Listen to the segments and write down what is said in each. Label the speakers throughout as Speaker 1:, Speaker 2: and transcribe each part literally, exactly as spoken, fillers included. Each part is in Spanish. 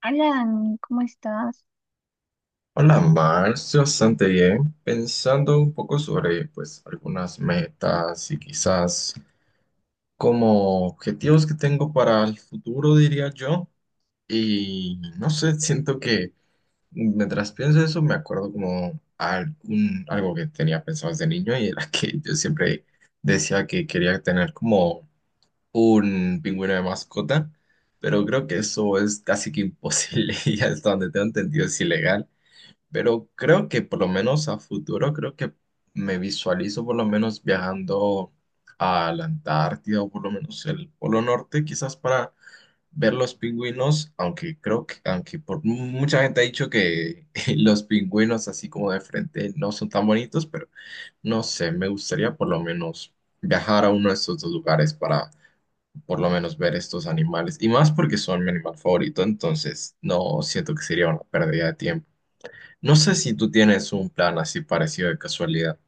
Speaker 1: Alan, ¿cómo estás?
Speaker 2: Hola, Marx, bastante bien. Pensando un poco sobre, pues, algunas metas y quizás como objetivos que tengo para el futuro, diría yo. Y no sé, siento que mientras pienso eso me acuerdo como algún, algo que tenía pensado desde niño y era que yo siempre decía que quería tener como un pingüino de mascota, pero creo que eso es casi que imposible y hasta donde tengo entendido es ilegal. Pero creo que por lo menos a futuro, creo que me visualizo por lo menos viajando a la Antártida o por lo menos el Polo Norte, quizás para ver los pingüinos, aunque creo que, aunque por mucha gente ha dicho que los pingüinos así como de frente no son tan bonitos, pero no sé, me gustaría por lo menos viajar a uno de estos dos lugares para por lo menos ver estos animales, y más porque son mi animal favorito, entonces no siento que sería una pérdida de tiempo. No sé si tú tienes un plan así parecido de casualidad.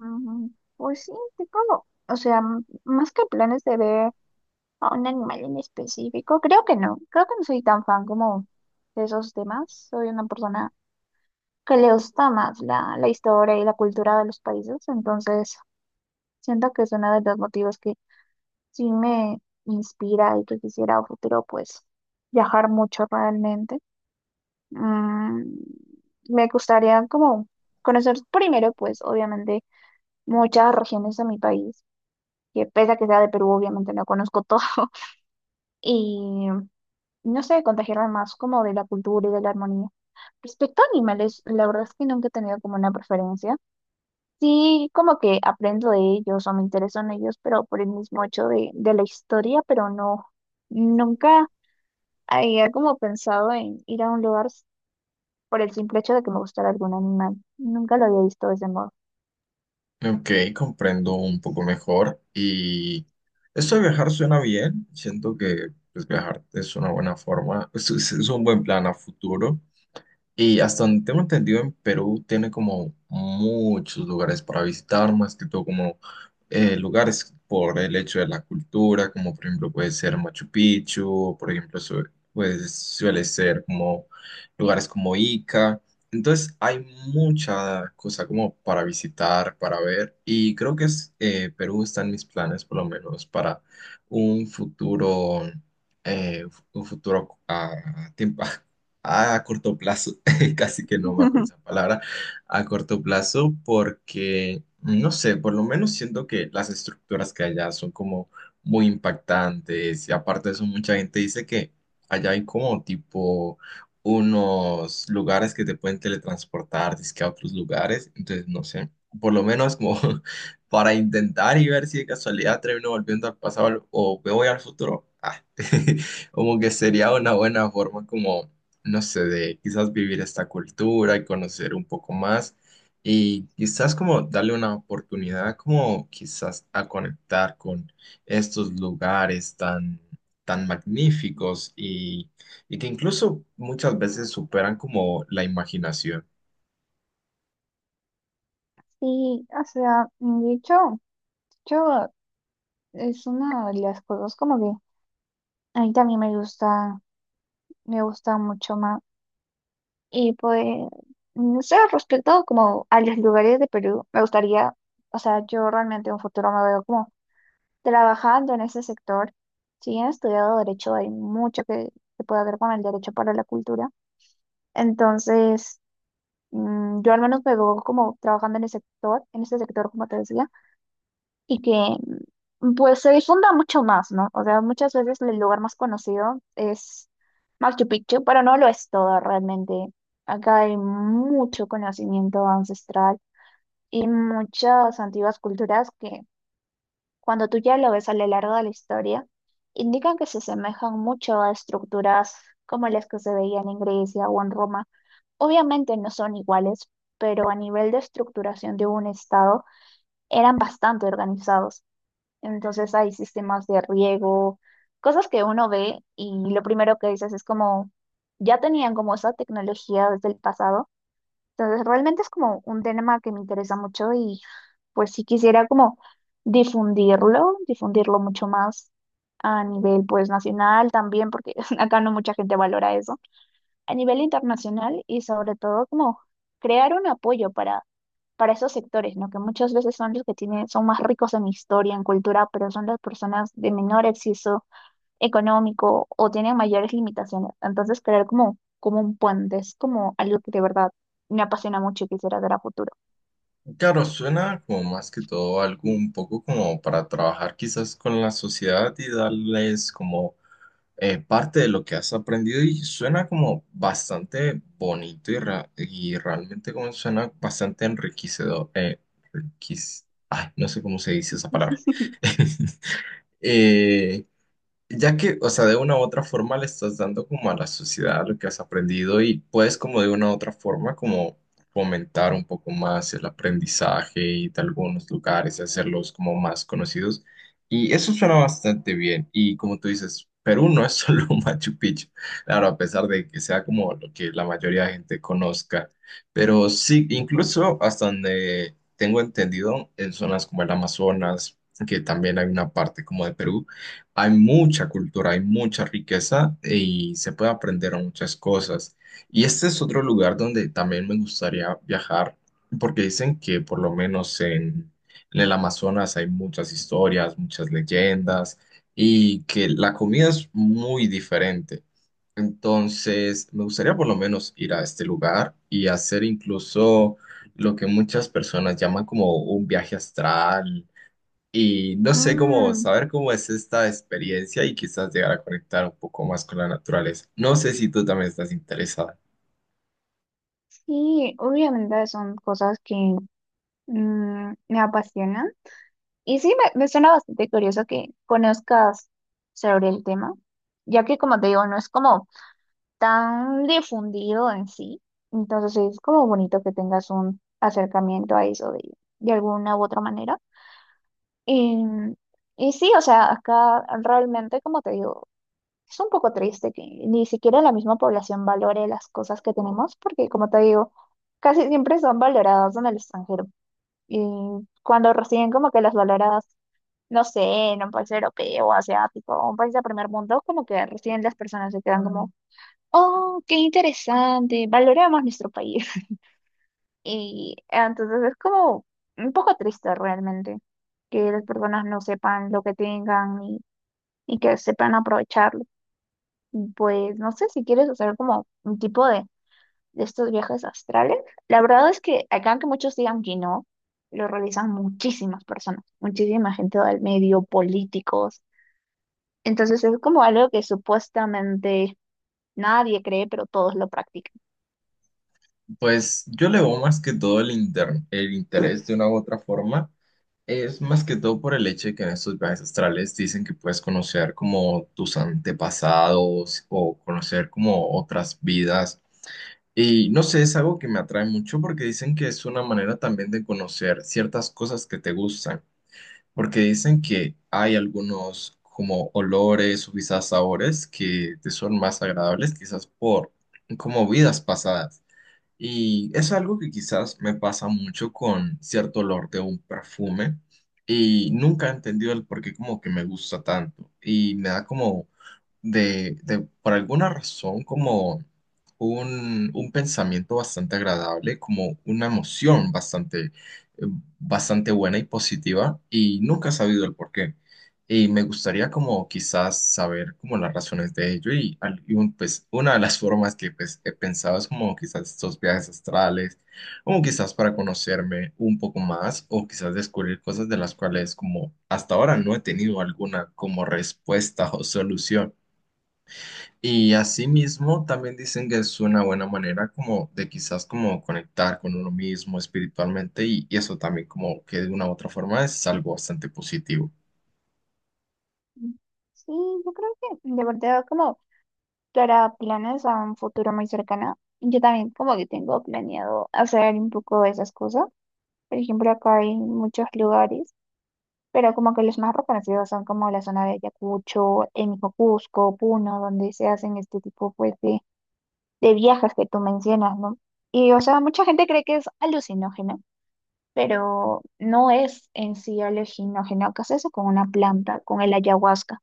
Speaker 1: Ujú. Pues sí, tengo, o sea, m- más que planes de ver a un animal en específico, creo que no, creo que no soy tan fan como de esos temas. Soy una persona que le gusta más la, la historia y la cultura de los países. Entonces siento que es uno de los motivos que sí me inspira y que quisiera a futuro pues viajar mucho realmente. Mm, Me gustaría como conocer primero, pues obviamente, muchas regiones de mi país, que pese a que sea de Perú, obviamente no conozco todo. Y no sé, contagiarme más como de la cultura y de la armonía. Respecto a animales, la verdad es que nunca he tenido como una preferencia. Sí, como que aprendo de ellos o me intereso en ellos, pero por el mismo hecho de, de la historia. Pero no, nunca había como pensado en ir a un lugar por el simple hecho de que me gustara algún animal. Nunca lo había visto de ese modo.
Speaker 2: Ok, comprendo un poco mejor. Y esto de viajar suena bien. Siento que pues, viajar es una buena forma, es, es- es un buen plan a futuro. Y hasta donde tengo entendido, en Perú tiene como muchos lugares para visitar, más que todo como eh, lugares por el hecho de la cultura, como por ejemplo puede ser Machu Picchu, o por ejemplo su- pues, suele ser como lugares como Ica. Entonces hay mucha cosa como para visitar, para ver, y creo que es, eh, Perú está en mis planes por lo menos para un futuro, eh, un futuro a tiempo, a corto plazo. Casi que no me acuerdo esa palabra, a corto plazo, porque, no sé, por lo menos siento que las estructuras que hay allá son como muy impactantes y aparte de eso mucha gente dice que allá hay como tipo unos lugares que te pueden teletransportar, dizque a otros lugares, entonces no sé, por lo menos como para intentar y ver si de casualidad termino volviendo al pasado o me voy al futuro. ah, Como que sería una buena forma como no sé, de quizás vivir esta cultura y conocer un poco más y quizás como darle una oportunidad como quizás a conectar con estos lugares tan, tan magníficos y, y que incluso muchas veces superan como la imaginación.
Speaker 1: Sí, o sea, de hecho, yo es una de las cosas como que a mí también me gusta, me gusta mucho más. Y pues, no sé, respecto como a los lugares de Perú, me gustaría, o sea, yo realmente en un futuro me veo como trabajando en ese sector. Si bien he estudiado derecho, hay mucho que se puede ver con el derecho para la cultura. Entonces, mm, yo al menos me veo como trabajando en ese sector, en ese sector, como te decía. Y que mm, pues se difunda mucho más, ¿no? O sea, muchas veces el lugar más conocido es Machu Picchu, pero no lo es todo realmente. Acá hay mucho conocimiento ancestral y muchas antiguas culturas que, cuando tú ya lo ves a lo largo de la historia, indican que se asemejan mucho a estructuras como las que se veían en Grecia o en Roma. Obviamente no son iguales, pero a nivel de estructuración de un estado eran bastante organizados. Entonces hay sistemas de riego, cosas que uno ve y lo primero que dices es como, ya tenían como esa tecnología desde el pasado. Entonces realmente es como un tema que me interesa mucho y pues sí quisiera como difundirlo, difundirlo mucho más a nivel pues nacional también, porque acá no mucha gente valora eso a nivel internacional. Y sobre todo como crear un apoyo para, para esos sectores, ¿no? Que muchas veces son los que tienen, son más ricos en historia, en cultura, pero son las personas de menor acceso económico o tienen mayores limitaciones. Entonces, crear como, como un puente es como algo que de verdad me apasiona mucho y quisiera hacer a futuro.
Speaker 2: Claro, suena como más que todo algo un poco como para trabajar quizás con la sociedad y darles como eh, parte de lo que has aprendido y suena como bastante bonito y, ra- y realmente como suena bastante enriquecedor. eh, enriquec- Ay, no sé cómo se dice esa palabra. Eh, ya que, o sea, de una u otra forma le estás dando como a la sociedad lo que has aprendido y puedes como de una u otra forma como fomentar un poco más el aprendizaje y de algunos lugares hacerlos como más conocidos. Y eso suena bastante bien. Y como tú dices, Perú no es solo Machu Picchu. Claro, a pesar de que sea como lo que la mayoría de gente conozca. Pero sí, incluso hasta donde tengo entendido, en zonas como el Amazonas, que también hay una parte como de Perú hay mucha cultura, hay mucha riqueza eh, y se puede aprender muchas cosas. Y este es otro lugar donde también me gustaría viajar, porque dicen que por lo menos en, en el Amazonas hay muchas historias, muchas leyendas y que la comida es muy diferente. Entonces, me gustaría por lo menos ir a este lugar y hacer incluso lo que muchas personas llaman como un viaje astral y no sé cómo
Speaker 1: Mm,
Speaker 2: saber cómo es esta experiencia y quizás llegar a conectar un poco más con la naturaleza. No sé si tú también estás interesada.
Speaker 1: sí, obviamente son cosas que, mm, me apasionan. Y sí, me, me suena bastante curioso que conozcas sobre el tema, ya que, como te digo, no es como tan difundido en sí. Entonces sí, es como bonito que tengas un acercamiento a eso de, de alguna u otra manera. Y, y sí, o sea, acá realmente, como te digo, es un poco triste que ni siquiera la misma población valore las cosas que tenemos, porque, como te digo, casi siempre son valoradas en el extranjero. Y cuando recién como que las valoradas, no sé, en un país europeo, asiático, un país de primer mundo, como que recién las personas se quedan. Mm. Como, oh, qué interesante, valoramos nuestro país. Y ah, entonces es como un poco triste realmente que las personas no sepan lo que tengan y, y que sepan aprovecharlo. Y pues no sé si quieres hacer como un tipo de, de estos viajes astrales. La verdad es que acá, que muchos digan que no, lo realizan muchísimas personas, muchísima gente del medio, políticos. Entonces es como algo que supuestamente nadie cree, pero todos lo practican.
Speaker 2: Pues yo le veo más que todo el, inter- el interés de una u otra forma. Es más que todo por el hecho de que en estos viajes astrales dicen que puedes conocer como tus antepasados o conocer como otras vidas. Y no sé, es algo que me atrae mucho porque dicen que es una manera también de conocer ciertas cosas que te gustan. Porque dicen que hay algunos como olores o quizás sabores que te son más agradables, quizás por como vidas pasadas. Y es algo que quizás me pasa mucho con cierto olor de un perfume y nunca he entendido el por qué como que me gusta tanto. Y me da como de, de, por alguna razón, como un, un pensamiento bastante agradable, como una emoción bastante, eh, bastante buena y positiva, y nunca he sabido el por qué. Y me gustaría como quizás saber como las razones de ello y, al- y un- pues una de las formas que pues, he pensado es como quizás estos viajes astrales, como quizás para conocerme un poco más o quizás descubrir cosas de las cuales como hasta ahora no he tenido alguna como respuesta o solución. Y asimismo también dicen que es una buena manera como de quizás como conectar con uno mismo espiritualmente y, y eso también como que de una u otra forma es algo bastante positivo.
Speaker 1: Sí, yo creo que de verdad, como para planes a un futuro muy cercano, yo también como que tengo planeado hacer un poco de esas cosas. Por ejemplo, acá hay muchos lugares, pero como que los más reconocidos son como la zona de Ayacucho, el mismo Cusco, Puno, donde se hacen este tipo, pues, de, de viajes que tú mencionas, ¿no? Y o sea, mucha gente cree que es alucinógeno, pero no es en sí alucinógeno, que es eso con una planta, con el ayahuasca.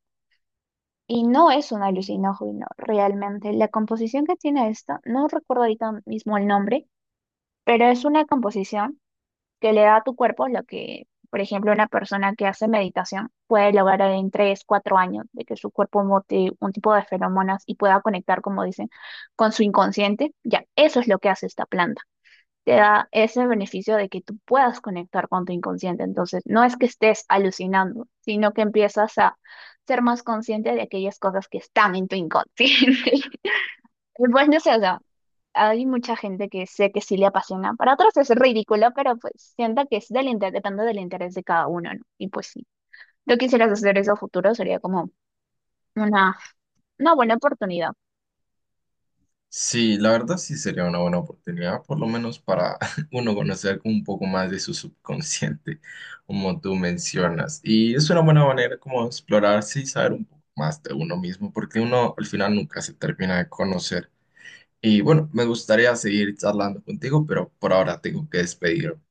Speaker 1: Y no es un alucinógeno, realmente. La composición que tiene esto, no recuerdo ahorita mismo el nombre, pero es una composición que le da a tu cuerpo lo que, por ejemplo, una persona que hace meditación puede lograr en tres cuatro años, de que su cuerpo bote un tipo de feromonas y pueda conectar, como dicen, con su inconsciente. Ya, eso es lo que hace esta planta, te da ese beneficio de que tú puedas conectar con tu inconsciente. Entonces, no es que estés alucinando, sino que empiezas a ser más consciente de aquellas cosas que están en tu inconsciente. Y pues no sé, o sea, hay mucha gente que sé que sí le apasiona. Para otros es ridículo, pero pues sienta que es del interés, depende del interés de cada uno, ¿no? Y pues sí, yo quisieras hacer eso a futuro, sería como una, una buena oportunidad.
Speaker 2: Sí, la verdad sí sería una buena oportunidad, por lo menos para uno conocer un poco más de su subconsciente, como tú mencionas. Y es una buena manera como de explorarse y saber un poco más de uno mismo, porque uno al final nunca se termina de conocer. Y bueno, me gustaría seguir charlando contigo, pero por ahora tengo que despedirme.